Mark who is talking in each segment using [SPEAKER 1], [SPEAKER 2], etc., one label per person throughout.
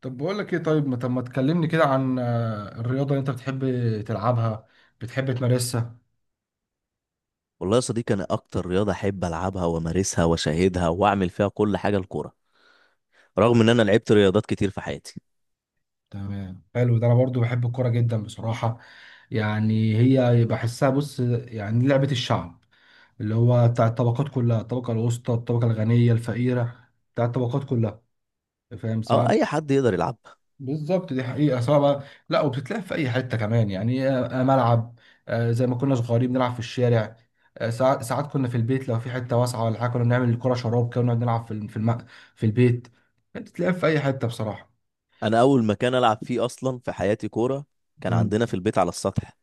[SPEAKER 1] طب بقول لك ايه، طيب، ما تكلمني كده عن الرياضة اللي انت بتحب تلعبها، بتحب تمارسها.
[SPEAKER 2] والله يا صديقي، انا اكتر رياضه احب العبها وامارسها واشاهدها واعمل فيها كل حاجه الكوره،
[SPEAKER 1] آه،
[SPEAKER 2] رغم ان انا لعبت رياضات كتير في حياتي.
[SPEAKER 1] تمام، حلو ده. انا برضو بحب الكوره جدا بصراحة. يعني هي بحسها، بص، يعني لعبة الشعب اللي هو بتاع الطبقات كلها، الطبقة الوسطى، الطبقة الغنية، الفقيرة، بتاع الطبقات كلها، فاهم؟
[SPEAKER 2] او
[SPEAKER 1] سواء
[SPEAKER 2] اي حد يقدر يلعبها.
[SPEAKER 1] بالظبط، دي حقيقة. سواء بقى، لا، وبتتلعب في أي حتة كمان، يعني ملعب، زي ما كنا صغيرين بنلعب في الشارع. ساعات ساعات كنا في البيت، لو في حتة واسعة ولا حاجة، كنا بنعمل الكرة شراب كده ونقعد نلعب في البيت. بتتلعب في أي حتة بصراحة.
[SPEAKER 2] انا اول مكان العب فيه اصلا في حياتي كوره كان
[SPEAKER 1] مم.
[SPEAKER 2] عندنا في البيت على السطح.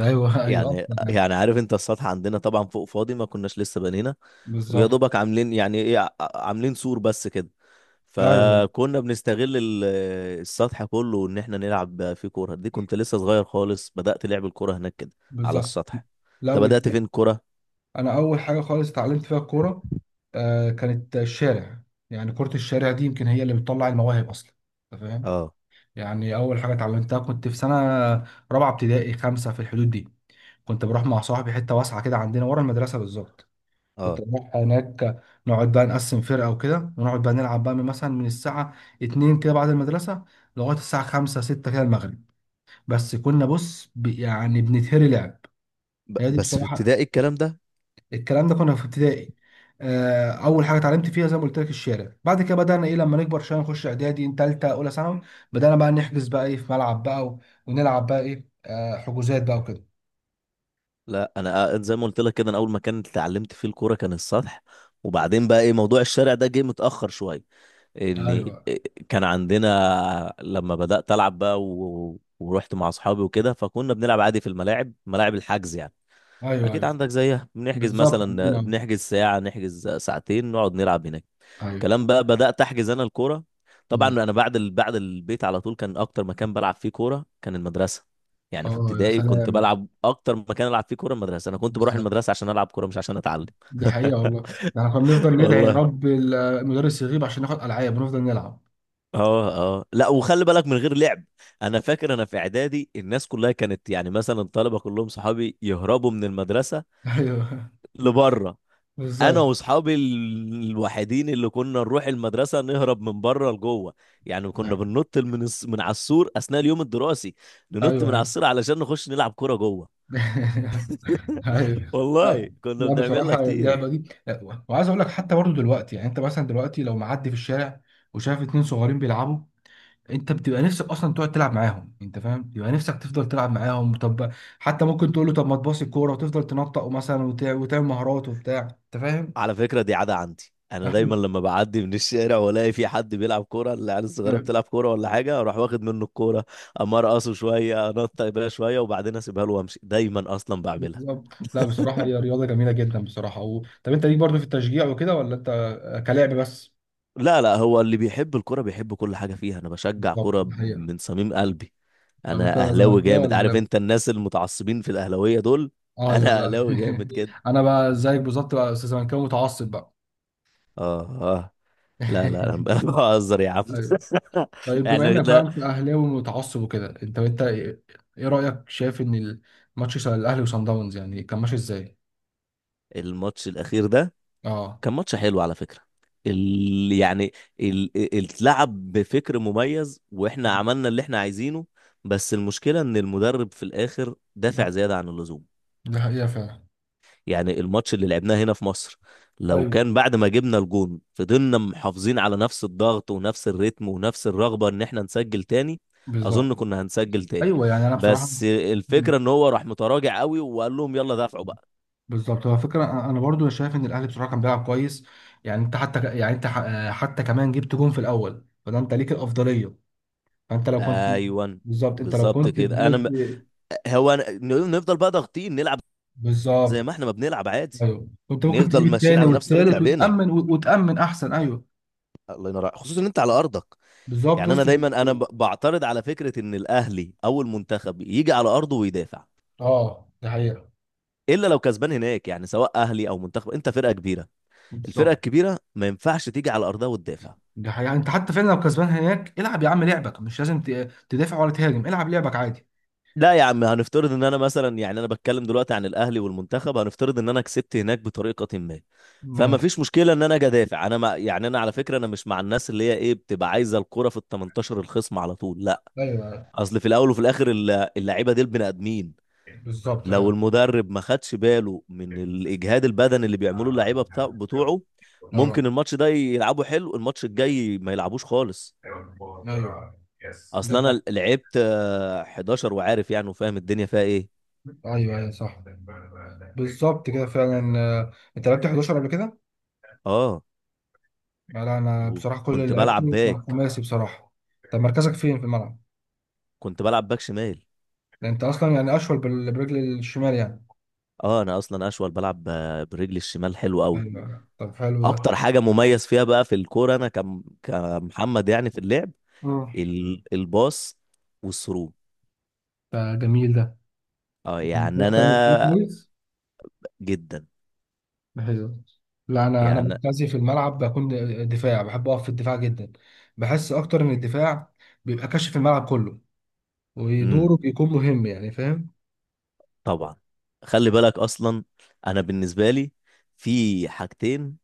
[SPEAKER 1] ايوه ايوه
[SPEAKER 2] يعني
[SPEAKER 1] أصلا، يعني
[SPEAKER 2] يعني عارف انت السطح عندنا طبعا فوق فاضي، ما كناش لسه بنينا، ويا
[SPEAKER 1] بالظبط.
[SPEAKER 2] دوبك عاملين يعني ايه، عاملين سور بس كده.
[SPEAKER 1] أيوه،
[SPEAKER 2] فكنا بنستغل السطح كله ان احنا نلعب فيه كوره. دي كنت لسه صغير خالص، بدأت لعب الكوره هناك كده على
[SPEAKER 1] بالظبط.
[SPEAKER 2] السطح. انت
[SPEAKER 1] لو
[SPEAKER 2] بدأت
[SPEAKER 1] اتل-
[SPEAKER 2] فين كوره؟
[SPEAKER 1] أنا أول حاجة خالص اتعلمت فيها الكورة كانت الشارع. يعني كرة الشارع دي يمكن هي اللي بتطلع المواهب أصلا، أنت فاهم؟
[SPEAKER 2] اه
[SPEAKER 1] يعني اول حاجه اتعلمتها كنت في سنه رابعه ابتدائي، خمسه، في الحدود دي. كنت بروح مع صاحبي حته واسعه كده عندنا ورا المدرسه بالظبط. كنت
[SPEAKER 2] اه.
[SPEAKER 1] بروح هناك، نقعد بقى نقسم فرقه وكده، ونقعد بقى نلعب بقى من مثلا من الساعه 2 كده بعد المدرسه، لغايه الساعه 5 6 كده المغرب. بس كنا، بص، يعني بنتهري لعب. هي دي
[SPEAKER 2] بس في
[SPEAKER 1] بصراحه.
[SPEAKER 2] ابتدائي الكلام ده.
[SPEAKER 1] الكلام ده كنا في ابتدائي. اول حاجه اتعلمت فيها زي ما قلت لك الشارع، بعد كده بدانا ايه لما نكبر شويه نخش اعدادي، ثالثه، اولى ثانوي، بدانا بقى نحجز بقى ايه في ملعب بقى، ونلعب بقى ايه حجوزات بقى وكده.
[SPEAKER 2] لا انا، زي ما قلت لك كده انا اول مكان اتعلمت فيه الكوره كان السطح. وبعدين بقى ايه موضوع الشارع ده جه متاخر شويه، ان
[SPEAKER 1] ايوه،
[SPEAKER 2] كان عندنا لما بدات العب بقى ورحت مع اصحابي وكده. فكنا بنلعب عادي في الملاعب، ملاعب الحجز يعني.
[SPEAKER 1] ايوه.
[SPEAKER 2] اكيد
[SPEAKER 1] ايوه،
[SPEAKER 2] عندك زيها، بنحجز
[SPEAKER 1] بالظبط،
[SPEAKER 2] مثلا،
[SPEAKER 1] عندنا.
[SPEAKER 2] بنحجز ساعه، نحجز ساعتين، نقعد نلعب هناك
[SPEAKER 1] ايوه.
[SPEAKER 2] كلام بقى. بدأت أحجز أنا الكورة. طبعا
[SPEAKER 1] مم.
[SPEAKER 2] أنا بعد بعد البيت على طول كان أكتر مكان بلعب فيه كورة كان المدرسة. يعني في
[SPEAKER 1] اه يا
[SPEAKER 2] ابتدائي كنت
[SPEAKER 1] سلام،
[SPEAKER 2] بلعب أكتر مكان ألعب فيه كورة المدرسة. أنا كنت بروح
[SPEAKER 1] بالظبط.
[SPEAKER 2] المدرسة عشان ألعب كورة مش عشان أتعلم.
[SPEAKER 1] دي حقيقة والله. ده احنا كنا بنفضل ندعي يا
[SPEAKER 2] والله.
[SPEAKER 1] رب المدرس يغيب عشان ناخد العاب ونفضل نلعب.
[SPEAKER 2] اه اه. لا، وخلي بالك من غير لعب. انا فاكر انا في اعدادي الناس كلها كانت يعني مثلا الطلبه كلهم صحابي يهربوا من المدرسه
[SPEAKER 1] ايوه،
[SPEAKER 2] لبره. انا
[SPEAKER 1] بالظبط.
[SPEAKER 2] واصحابي الوحيدين اللي كنا نروح المدرسه نهرب من بره لجوه. يعني كنا بننط من من على السور اثناء اليوم الدراسي، ننط
[SPEAKER 1] ايوه،
[SPEAKER 2] من على
[SPEAKER 1] ايوه.
[SPEAKER 2] السور علشان نخش نلعب كوره جوه.
[SPEAKER 1] أيوة.
[SPEAKER 2] والله
[SPEAKER 1] لا،
[SPEAKER 2] كنا
[SPEAKER 1] لا
[SPEAKER 2] بنعملها
[SPEAKER 1] بصراحة
[SPEAKER 2] كتير.
[SPEAKER 1] اللعبة دي، لا، وعايز أقول لك حتى برضو دلوقتي، يعني أنت مثلا دلوقتي لو معدي في الشارع وشايف اتنين صغيرين بيلعبوا، أنت بتبقى نفسك أصلا تقعد تلعب معاهم، أنت فاهم؟ بيبقى نفسك تفضل تلعب معاهم. طب، حتى ممكن تقول له طب ما تباصي الكورة وتفضل تنطق مثلا وتعمل مهارات وبتاع، أنت فاهم؟
[SPEAKER 2] على فكره دي عاده عندي، انا دايما
[SPEAKER 1] أيوة.
[SPEAKER 2] لما بعدي من الشارع والاقي في حد بيلعب كوره، العيال الصغيره
[SPEAKER 1] ما-
[SPEAKER 2] بتلعب كوره ولا حاجه، اروح واخد منه الكوره، اما ارقصه شويه، انط بيها شويه وبعدين اسيبها له وامشي. دايما اصلا بعملها.
[SPEAKER 1] بالظبط. لا بصراحة هي رياضة جميلة جدا بصراحة. و... طب أنت ليك برضو في التشجيع وكده، ولا أنت كلاعب بس؟
[SPEAKER 2] لا لا، هو اللي بيحب الكوره بيحب كل حاجه فيها. انا بشجع
[SPEAKER 1] بالظبط
[SPEAKER 2] كوره
[SPEAKER 1] الحقيقة.
[SPEAKER 2] من صميم قلبي.
[SPEAKER 1] طب
[SPEAKER 2] انا
[SPEAKER 1] أنت
[SPEAKER 2] اهلاوي
[SPEAKER 1] زملكاوي
[SPEAKER 2] جامد، عارف
[SPEAKER 1] ولا؟
[SPEAKER 2] انت الناس المتعصبين في الاهلاويه دول،
[SPEAKER 1] ايوه،
[SPEAKER 2] انا
[SPEAKER 1] لا.
[SPEAKER 2] اهلاوي جامد كده.
[SPEAKER 1] انا بقى زيك بالظبط بقى، استاذ زملكاوي متعصب بقى.
[SPEAKER 2] اه اه. لا لا انا بهزر يا عم.
[SPEAKER 1] ايوه. طيب، بما
[SPEAKER 2] يعني
[SPEAKER 1] انك بقى
[SPEAKER 2] لا.
[SPEAKER 1] انت اهلاوي متعصب وكده، انت ايه؟ إيه رايك؟ شايف ان الماتش بتاع الاهلي وصن داونز يعني كان ماشي ازاي؟
[SPEAKER 2] الماتش الاخير ده
[SPEAKER 1] اه،
[SPEAKER 2] كان ماتش حلو على فكره. يعني اتلعب بفكر مميز، واحنا عملنا اللي احنا عايزينه. بس المشكله ان المدرب في الاخر دافع زياده عن اللزوم.
[SPEAKER 1] ده حقيقه فعلا.
[SPEAKER 2] يعني الماتش اللي لعبناه هنا في مصر، لو
[SPEAKER 1] ايوه،
[SPEAKER 2] كان بعد ما جبنا الجون فضلنا محافظين على نفس الضغط ونفس الريتم ونفس الرغبة ان احنا نسجل تاني،
[SPEAKER 1] بالظبط.
[SPEAKER 2] اظن كنا هنسجل تاني.
[SPEAKER 1] ايوه. يعني انا بصراحه،
[SPEAKER 2] بس
[SPEAKER 1] مم.
[SPEAKER 2] الفكرة ان هو راح متراجع قوي، وقال لهم يلا دافعوا بقى.
[SPEAKER 1] بالظبط هو فكره، انا برضو شايف ان الاهلي بصراحه كان بيلعب كويس. يعني انت حتى ك- يعني انت ح- حتى كمان جبت جون في الاول، فده انت ليك الافضليه. فانت لو كنت،
[SPEAKER 2] ايوان.
[SPEAKER 1] بالظبط، انت لو
[SPEAKER 2] بالظبط
[SPEAKER 1] كنت
[SPEAKER 2] كده. انا
[SPEAKER 1] فضلت.
[SPEAKER 2] م... هو أنا... نفضل بقى ضاغطين نلعب زي
[SPEAKER 1] بالظبط،
[SPEAKER 2] ما احنا ما بنلعب عادي،
[SPEAKER 1] ايوه، كنت ممكن
[SPEAKER 2] نفضل
[SPEAKER 1] تجيب
[SPEAKER 2] ماشيين
[SPEAKER 1] الثاني
[SPEAKER 2] على نفس طريقة
[SPEAKER 1] والثالث
[SPEAKER 2] لعبنا.
[SPEAKER 1] وتامن وتامن احسن. ايوه،
[SPEAKER 2] الله ينور عليك. خصوصا ان انت على ارضك.
[SPEAKER 1] بالظبط،
[SPEAKER 2] يعني انا
[SPEAKER 1] وسط
[SPEAKER 2] دايما انا
[SPEAKER 1] الجمهور.
[SPEAKER 2] بعترض على فكرة ان الاهلي او المنتخب يجي على ارضه ويدافع،
[SPEAKER 1] اه، ده حقيقه.
[SPEAKER 2] الا لو كسبان هناك. يعني سواء اهلي او منتخب، انت فرقه كبيره، الفرقه
[SPEAKER 1] بالظبط،
[SPEAKER 2] الكبيره ما ينفعش تيجي على ارضها وتدافع.
[SPEAKER 1] ده حقيقه. انت حتى فعلا لو كسبان هناك، العب يا عم لعبك، مش لازم تدافع ولا تهاجم، العب لعبك عادي.
[SPEAKER 2] لا يا عم، هنفترض ان انا مثلا، يعني انا بتكلم دلوقتي عن الاهلي والمنتخب، هنفترض ان انا كسبت هناك بطريقه ما، فما
[SPEAKER 1] ماشي،
[SPEAKER 2] فيش مشكله ان انا اجي ادافع. انا ما يعني، انا على فكره انا مش مع الناس اللي هي ايه بتبقى عايزه الكره في ال 18 الخصم على طول، لا.
[SPEAKER 1] ايوه. أيوة.
[SPEAKER 2] اصل في الاول وفي الاخر اللعيبه دي البني ادمين.
[SPEAKER 1] بالظبط
[SPEAKER 2] لو
[SPEAKER 1] فعلا.
[SPEAKER 2] المدرب ما خدش باله من الاجهاد البدني اللي بيعملوه اللعيبه بتوعه،
[SPEAKER 1] اه.
[SPEAKER 2] ممكن الماتش ده يلعبوا حلو، الماتش الجاي ما يلعبوش خالص.
[SPEAKER 1] ايوه. ده
[SPEAKER 2] اصل
[SPEAKER 1] حق.
[SPEAKER 2] انا لعبت 11 وعارف يعني وفاهم الدنيا فيها ايه.
[SPEAKER 1] ايوه، ايوه، صح. بالظبط كده فعلا، انت لعبت 11 قبل كده.
[SPEAKER 2] اه،
[SPEAKER 1] لا انا بصراحه كل
[SPEAKER 2] وكنت
[SPEAKER 1] اللي
[SPEAKER 2] بلعب
[SPEAKER 1] لعبته كان
[SPEAKER 2] باك
[SPEAKER 1] خماسي بصراحه. طب مركزك فين في الملعب؟
[SPEAKER 2] كنت بلعب باك شمال.
[SPEAKER 1] ده انت اصلا يعني اشول برجل الشمال يعني.
[SPEAKER 2] اه انا اصلا اشول، بلعب برجلي الشمال حلو قوي.
[SPEAKER 1] ايوه، طب حلو ده.
[SPEAKER 2] اكتر حاجه مميز فيها بقى في الكوره انا كمحمد يعني في اللعب،
[SPEAKER 1] اه،
[SPEAKER 2] الباص والثرو.
[SPEAKER 1] ده جميل ده.
[SPEAKER 2] اه يعني
[SPEAKER 1] بتعرف تعمل سكيل
[SPEAKER 2] انا
[SPEAKER 1] كويس؟
[SPEAKER 2] جدا
[SPEAKER 1] ده حلو. لا، انا
[SPEAKER 2] يعني.
[SPEAKER 1] مركزي في الملعب بكون دفاع، بحب اقف في الدفاع جدا. بحس اكتر ان الدفاع بيبقى كاشف الملعب كله،
[SPEAKER 2] امم
[SPEAKER 1] ودوره بيكون مهم، يعني فاهم؟
[SPEAKER 2] طبعا. خلي بالك اصلا، انا بالنسبه لي في حاجتين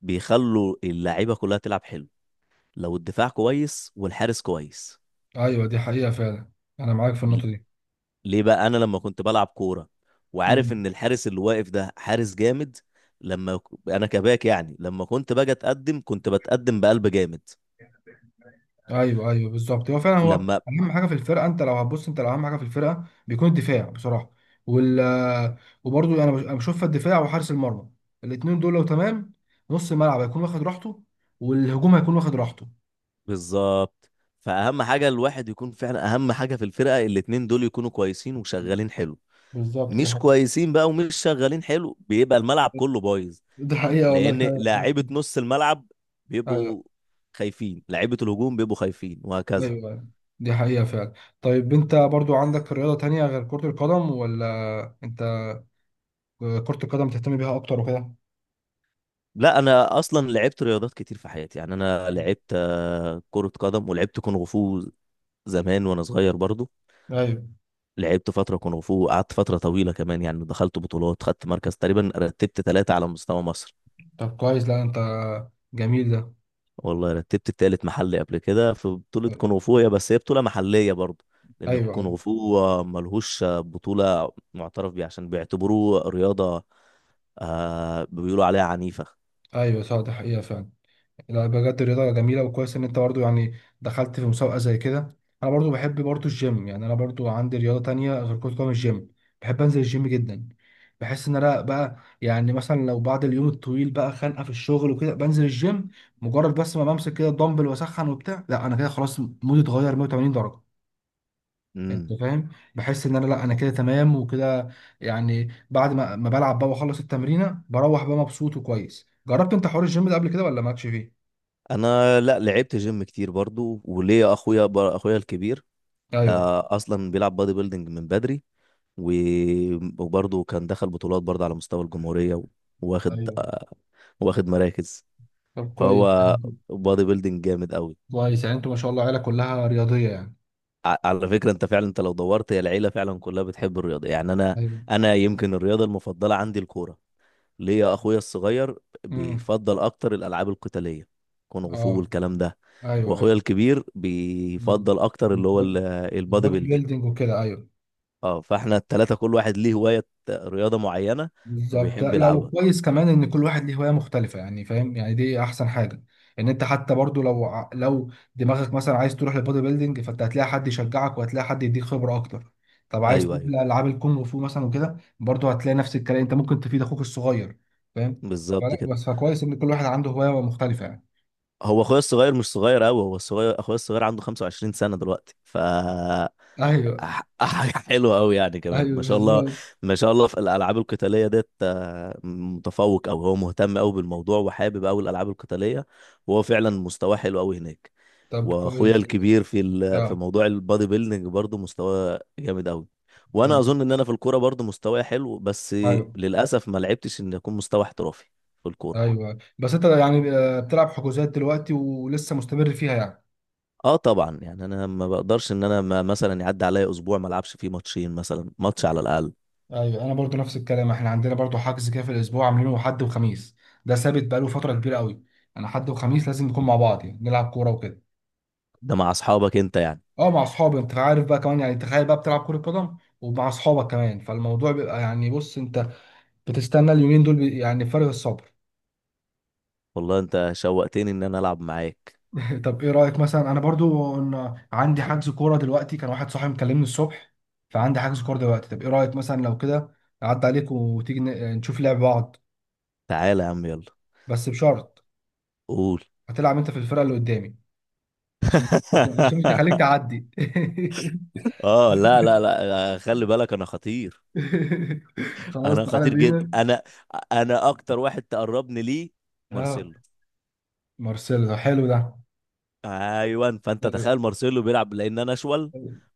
[SPEAKER 2] بيخلوا اللعيبه كلها تلعب حلو: لو الدفاع كويس والحارس كويس.
[SPEAKER 1] ايوه دي حقيقه فعلا. انا معاك في
[SPEAKER 2] ل-
[SPEAKER 1] النقطه
[SPEAKER 2] ليه بقى؟ انا لما كنت بلعب كوره
[SPEAKER 1] دي.
[SPEAKER 2] وعارف ان الحارس اللي واقف ده حارس جامد، لما ك- انا كباك، يعني لما كنت باجي اتقدم كنت بتقدم بقلب جامد.
[SPEAKER 1] ايوه، ايوه، بالظبط. هو فعلا هو
[SPEAKER 2] لما
[SPEAKER 1] اهم حاجه في الفرقه. انت لو هتبص، انت لو اهم حاجه في الفرقه بيكون الدفاع بصراحه. وال وبرضه انا أنا بشوف الدفاع وحارس المرمى، الاثنين دول لو تمام، نص الملعب هيكون واخد راحته، والهجوم هيكون واخد راحته.
[SPEAKER 2] بالظبط. فاهم حاجه؟ الواحد يكون فعلا اهم حاجه في الفرقه الاتنين دول يكونوا كويسين وشغالين حلو.
[SPEAKER 1] بالظبط، دي
[SPEAKER 2] مش
[SPEAKER 1] حقيقة.
[SPEAKER 2] كويسين بقى ومش شغالين حلو بيبقى الملعب كله بايظ،
[SPEAKER 1] دي حقيقة والله،
[SPEAKER 2] لان
[SPEAKER 1] فعلا معاك.
[SPEAKER 2] لاعيبه نص الملعب
[SPEAKER 1] ايوه،
[SPEAKER 2] بيبقوا خايفين، لاعيبه الهجوم بيبقوا خايفين
[SPEAKER 1] ايوه.
[SPEAKER 2] وهكذا.
[SPEAKER 1] أيوة. دي حقيقة فعلا. طيب انت برضو عندك رياضة تانية غير كرة القدم، ولا انت كرة القدم تهتم بيها اكتر وكده؟
[SPEAKER 2] لا انا اصلا لعبت رياضات كتير في حياتي. يعني انا لعبت كرة قدم، ولعبت كونغ فو زمان وانا صغير برضو.
[SPEAKER 1] ايوه.
[SPEAKER 2] لعبت فترة كونغ فو، قعدت فترة طويلة كمان، يعني دخلت بطولات، خدت مركز، تقريبا رتبت ثلاثة على مستوى مصر.
[SPEAKER 1] طب كويس. لا انت، جميل ده.
[SPEAKER 2] والله رتبت التالت محلي قبل كده في بطولة كونغ فو، هي بس هي بطولة محلية برضه. لأن
[SPEAKER 1] ايوه،
[SPEAKER 2] الكونغ فو ملهوش بطولة معترف بيها عشان بيعتبروه رياضة، بيقولوا عليها عنيفة.
[SPEAKER 1] ايوه، صح. ده حقيقه فعلا. لا بجد الرياضه جميله، وكويس ان انت برضو يعني دخلت في مسابقه زي كده. انا برضو بحب برضو الجيم، يعني انا برضو عندي رياضه تانية غير كره قدم، الجيم. بحب انزل الجيم جدا. بحس ان انا بقى يعني مثلا لو بعد اليوم الطويل بقى خانقه في الشغل وكده، بنزل الجيم، مجرد بس ما بمسك كده الدمبل واسخن وبتاع، لا انا كده خلاص، مودي اتغير 180 درجه، انت
[SPEAKER 2] امم
[SPEAKER 1] فاهم؟ بحس ان انا، لا، انا كده تمام وكده. يعني بعد ما بلعب بقى واخلص التمرينه، بروح بقى مبسوط وكويس. جربت انت حوار الجيم ده قبل كده ولا مالكش فيه؟
[SPEAKER 2] أنا لا، لعبت جيم كتير برضه. وليا أخويا أخويا الكبير
[SPEAKER 1] ايوه،
[SPEAKER 2] أصلا بيلعب بادي بيلدينج من بدري. و... وبرضه كان دخل بطولات برضه على مستوى الجمهورية، واخد
[SPEAKER 1] ايوه.
[SPEAKER 2] واخد مراكز.
[SPEAKER 1] طب كويس.
[SPEAKER 2] فهو بادي بيلدينج جامد أوي.
[SPEAKER 1] كويس، يعني انتوا ما شاء الله عيله كلها رياضيه يعني.
[SPEAKER 2] على فكرة، انت فعلا انت لو دورت، هي العيلة فعلا كلها بتحب الرياضة. يعني انا
[SPEAKER 1] ايوه.
[SPEAKER 2] انا يمكن الرياضة المفضلة عندي الكورة. ليه؟ يا اخويا الصغير
[SPEAKER 1] امم.
[SPEAKER 2] بيفضل اكتر الالعاب القتالية، كونغ فو
[SPEAKER 1] اه،
[SPEAKER 2] والكلام ده.
[SPEAKER 1] ايوه،
[SPEAKER 2] واخويا
[SPEAKER 1] ايوه.
[SPEAKER 2] الكبير
[SPEAKER 1] امم.
[SPEAKER 2] بيفضل اكتر اللي هو
[SPEAKER 1] البودي
[SPEAKER 2] البادي
[SPEAKER 1] البودي
[SPEAKER 2] بيلدينج.
[SPEAKER 1] بيلدينج وكده، ايوه.
[SPEAKER 2] اه، فاحنا التلاتة كل واحد ليه هواية، رياضة معينة
[SPEAKER 1] بالظبط.
[SPEAKER 2] وبيحب
[SPEAKER 1] لا،
[SPEAKER 2] يلعبها.
[SPEAKER 1] وكويس كمان ان كل واحد ليه هوايه مختلفه يعني، فاهم؟ يعني دي احسن حاجه، ان انت حتى برضو لو دماغك مثلا عايز تروح للبودي بيلدينج، فانت هتلاقي حد يشجعك وهتلاقي حد يديك خبره اكتر. طب عايز
[SPEAKER 2] ايوه
[SPEAKER 1] تروح
[SPEAKER 2] ايوه،
[SPEAKER 1] لالعاب الكونغ فو مثلا وكده، برضو هتلاقي نفس الكلام، انت ممكن تفيد اخوك الصغير، فاهم؟
[SPEAKER 2] بالظبط
[SPEAKER 1] فلا
[SPEAKER 2] كده.
[SPEAKER 1] بس، فكويس ان كل واحد عنده هوايه مختلفه يعني.
[SPEAKER 2] هو اخويا الصغير مش صغير قوي، هو الصغير اخويا الصغير عنده 25 سنة دلوقتي. ف
[SPEAKER 1] ايوه،
[SPEAKER 2] حاجة حلوة أوي يعني كمان،
[SPEAKER 1] ايوه،
[SPEAKER 2] ما شاء الله.
[SPEAKER 1] بالظبط.
[SPEAKER 2] ما شاء الله في الألعاب القتالية ديت، متفوق، أو هو مهتم أوي بالموضوع وحابب أوي الألعاب القتالية، وهو فعلا مستواه حلو أوي هناك.
[SPEAKER 1] طب
[SPEAKER 2] وأخويا
[SPEAKER 1] كويس والله.
[SPEAKER 2] الكبير في في
[SPEAKER 1] اه،
[SPEAKER 2] موضوع البادي بيلدينج برضه مستواه جامد أوي. وأنا
[SPEAKER 1] تمام.
[SPEAKER 2] أظن إن أنا في الكورة برضه مستواي حلو، بس
[SPEAKER 1] ايوه،
[SPEAKER 2] للأسف ما لعبتش إن أكون مستوى احترافي في الكورة.
[SPEAKER 1] ايوه. بس انت يعني بتلعب حجوزات دلوقتي ولسه مستمر فيها يعني؟
[SPEAKER 2] اه طبعا، يعني انا ما بقدرش ان انا ما مثلا يعدي عليا اسبوع ما العبش فيه ماتشين، مثلا ماتش على الاقل.
[SPEAKER 1] ايوه، انا برضو نفس الكلام. احنا عندنا برضو حجز كده في الاسبوع، عاملينه حد وخميس، ده ثابت بقاله فتره كبيره قوي. انا حد وخميس لازم نكون مع بعض، يعني نلعب كوره وكده.
[SPEAKER 2] ده مع اصحابك انت يعني؟
[SPEAKER 1] اه، مع اصحابي، انت عارف بقى كمان يعني، تخيل بقى بتلعب كره قدم ومع اصحابك كمان، فالموضوع بيبقى يعني بص، انت بتستنى اليومين دول، يعني فارغ الصبر.
[SPEAKER 2] والله انت شوقتني ان انا العب معاك.
[SPEAKER 1] طب ايه رايك مثلا، انا برضو ان عندي حجز كوره دلوقتي، كان واحد صاحبي مكلمني الصبح، فعندي حجز كوره دلوقتي. طب ايه رايك مثلا لو كده اعدي عليك وتيجي نشوف لعب بعض؟
[SPEAKER 2] تعالى يا عم، يلا.
[SPEAKER 1] بس بشرط،
[SPEAKER 2] قول.
[SPEAKER 1] هتلعب انت في الفرقه اللي قدامي، عشان عشان مش هخليك تعدي.
[SPEAKER 2] اه، لا لا لا، خلي بالك انا خطير.
[SPEAKER 1] خلاص،
[SPEAKER 2] انا
[SPEAKER 1] تعالى
[SPEAKER 2] خطير جدا،
[SPEAKER 1] بينا.
[SPEAKER 2] انا. انا اكتر واحد تقربني ليه
[SPEAKER 1] اه،
[SPEAKER 2] مارسيلو.
[SPEAKER 1] مارسيلو، ده حلو ده.
[SPEAKER 2] ايوه، فانت
[SPEAKER 1] ايوه،
[SPEAKER 2] تخيل مارسيلو بيلعب، لان انا اشول،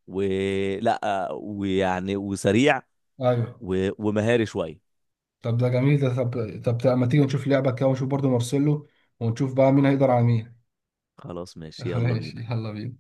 [SPEAKER 2] ولا، ويعني وسريع
[SPEAKER 1] ايوه.
[SPEAKER 2] ومهاري شويه.
[SPEAKER 1] طب ده جميل ده. طب ما تيجي نشوف لعبة كده ونشوف برضو مارسيلو، ونشوف بقى مين هيقدر على مين.
[SPEAKER 2] خلاص، ماشي، يلا
[SPEAKER 1] ماشي،
[SPEAKER 2] بينا.
[SPEAKER 1] يلا بينا.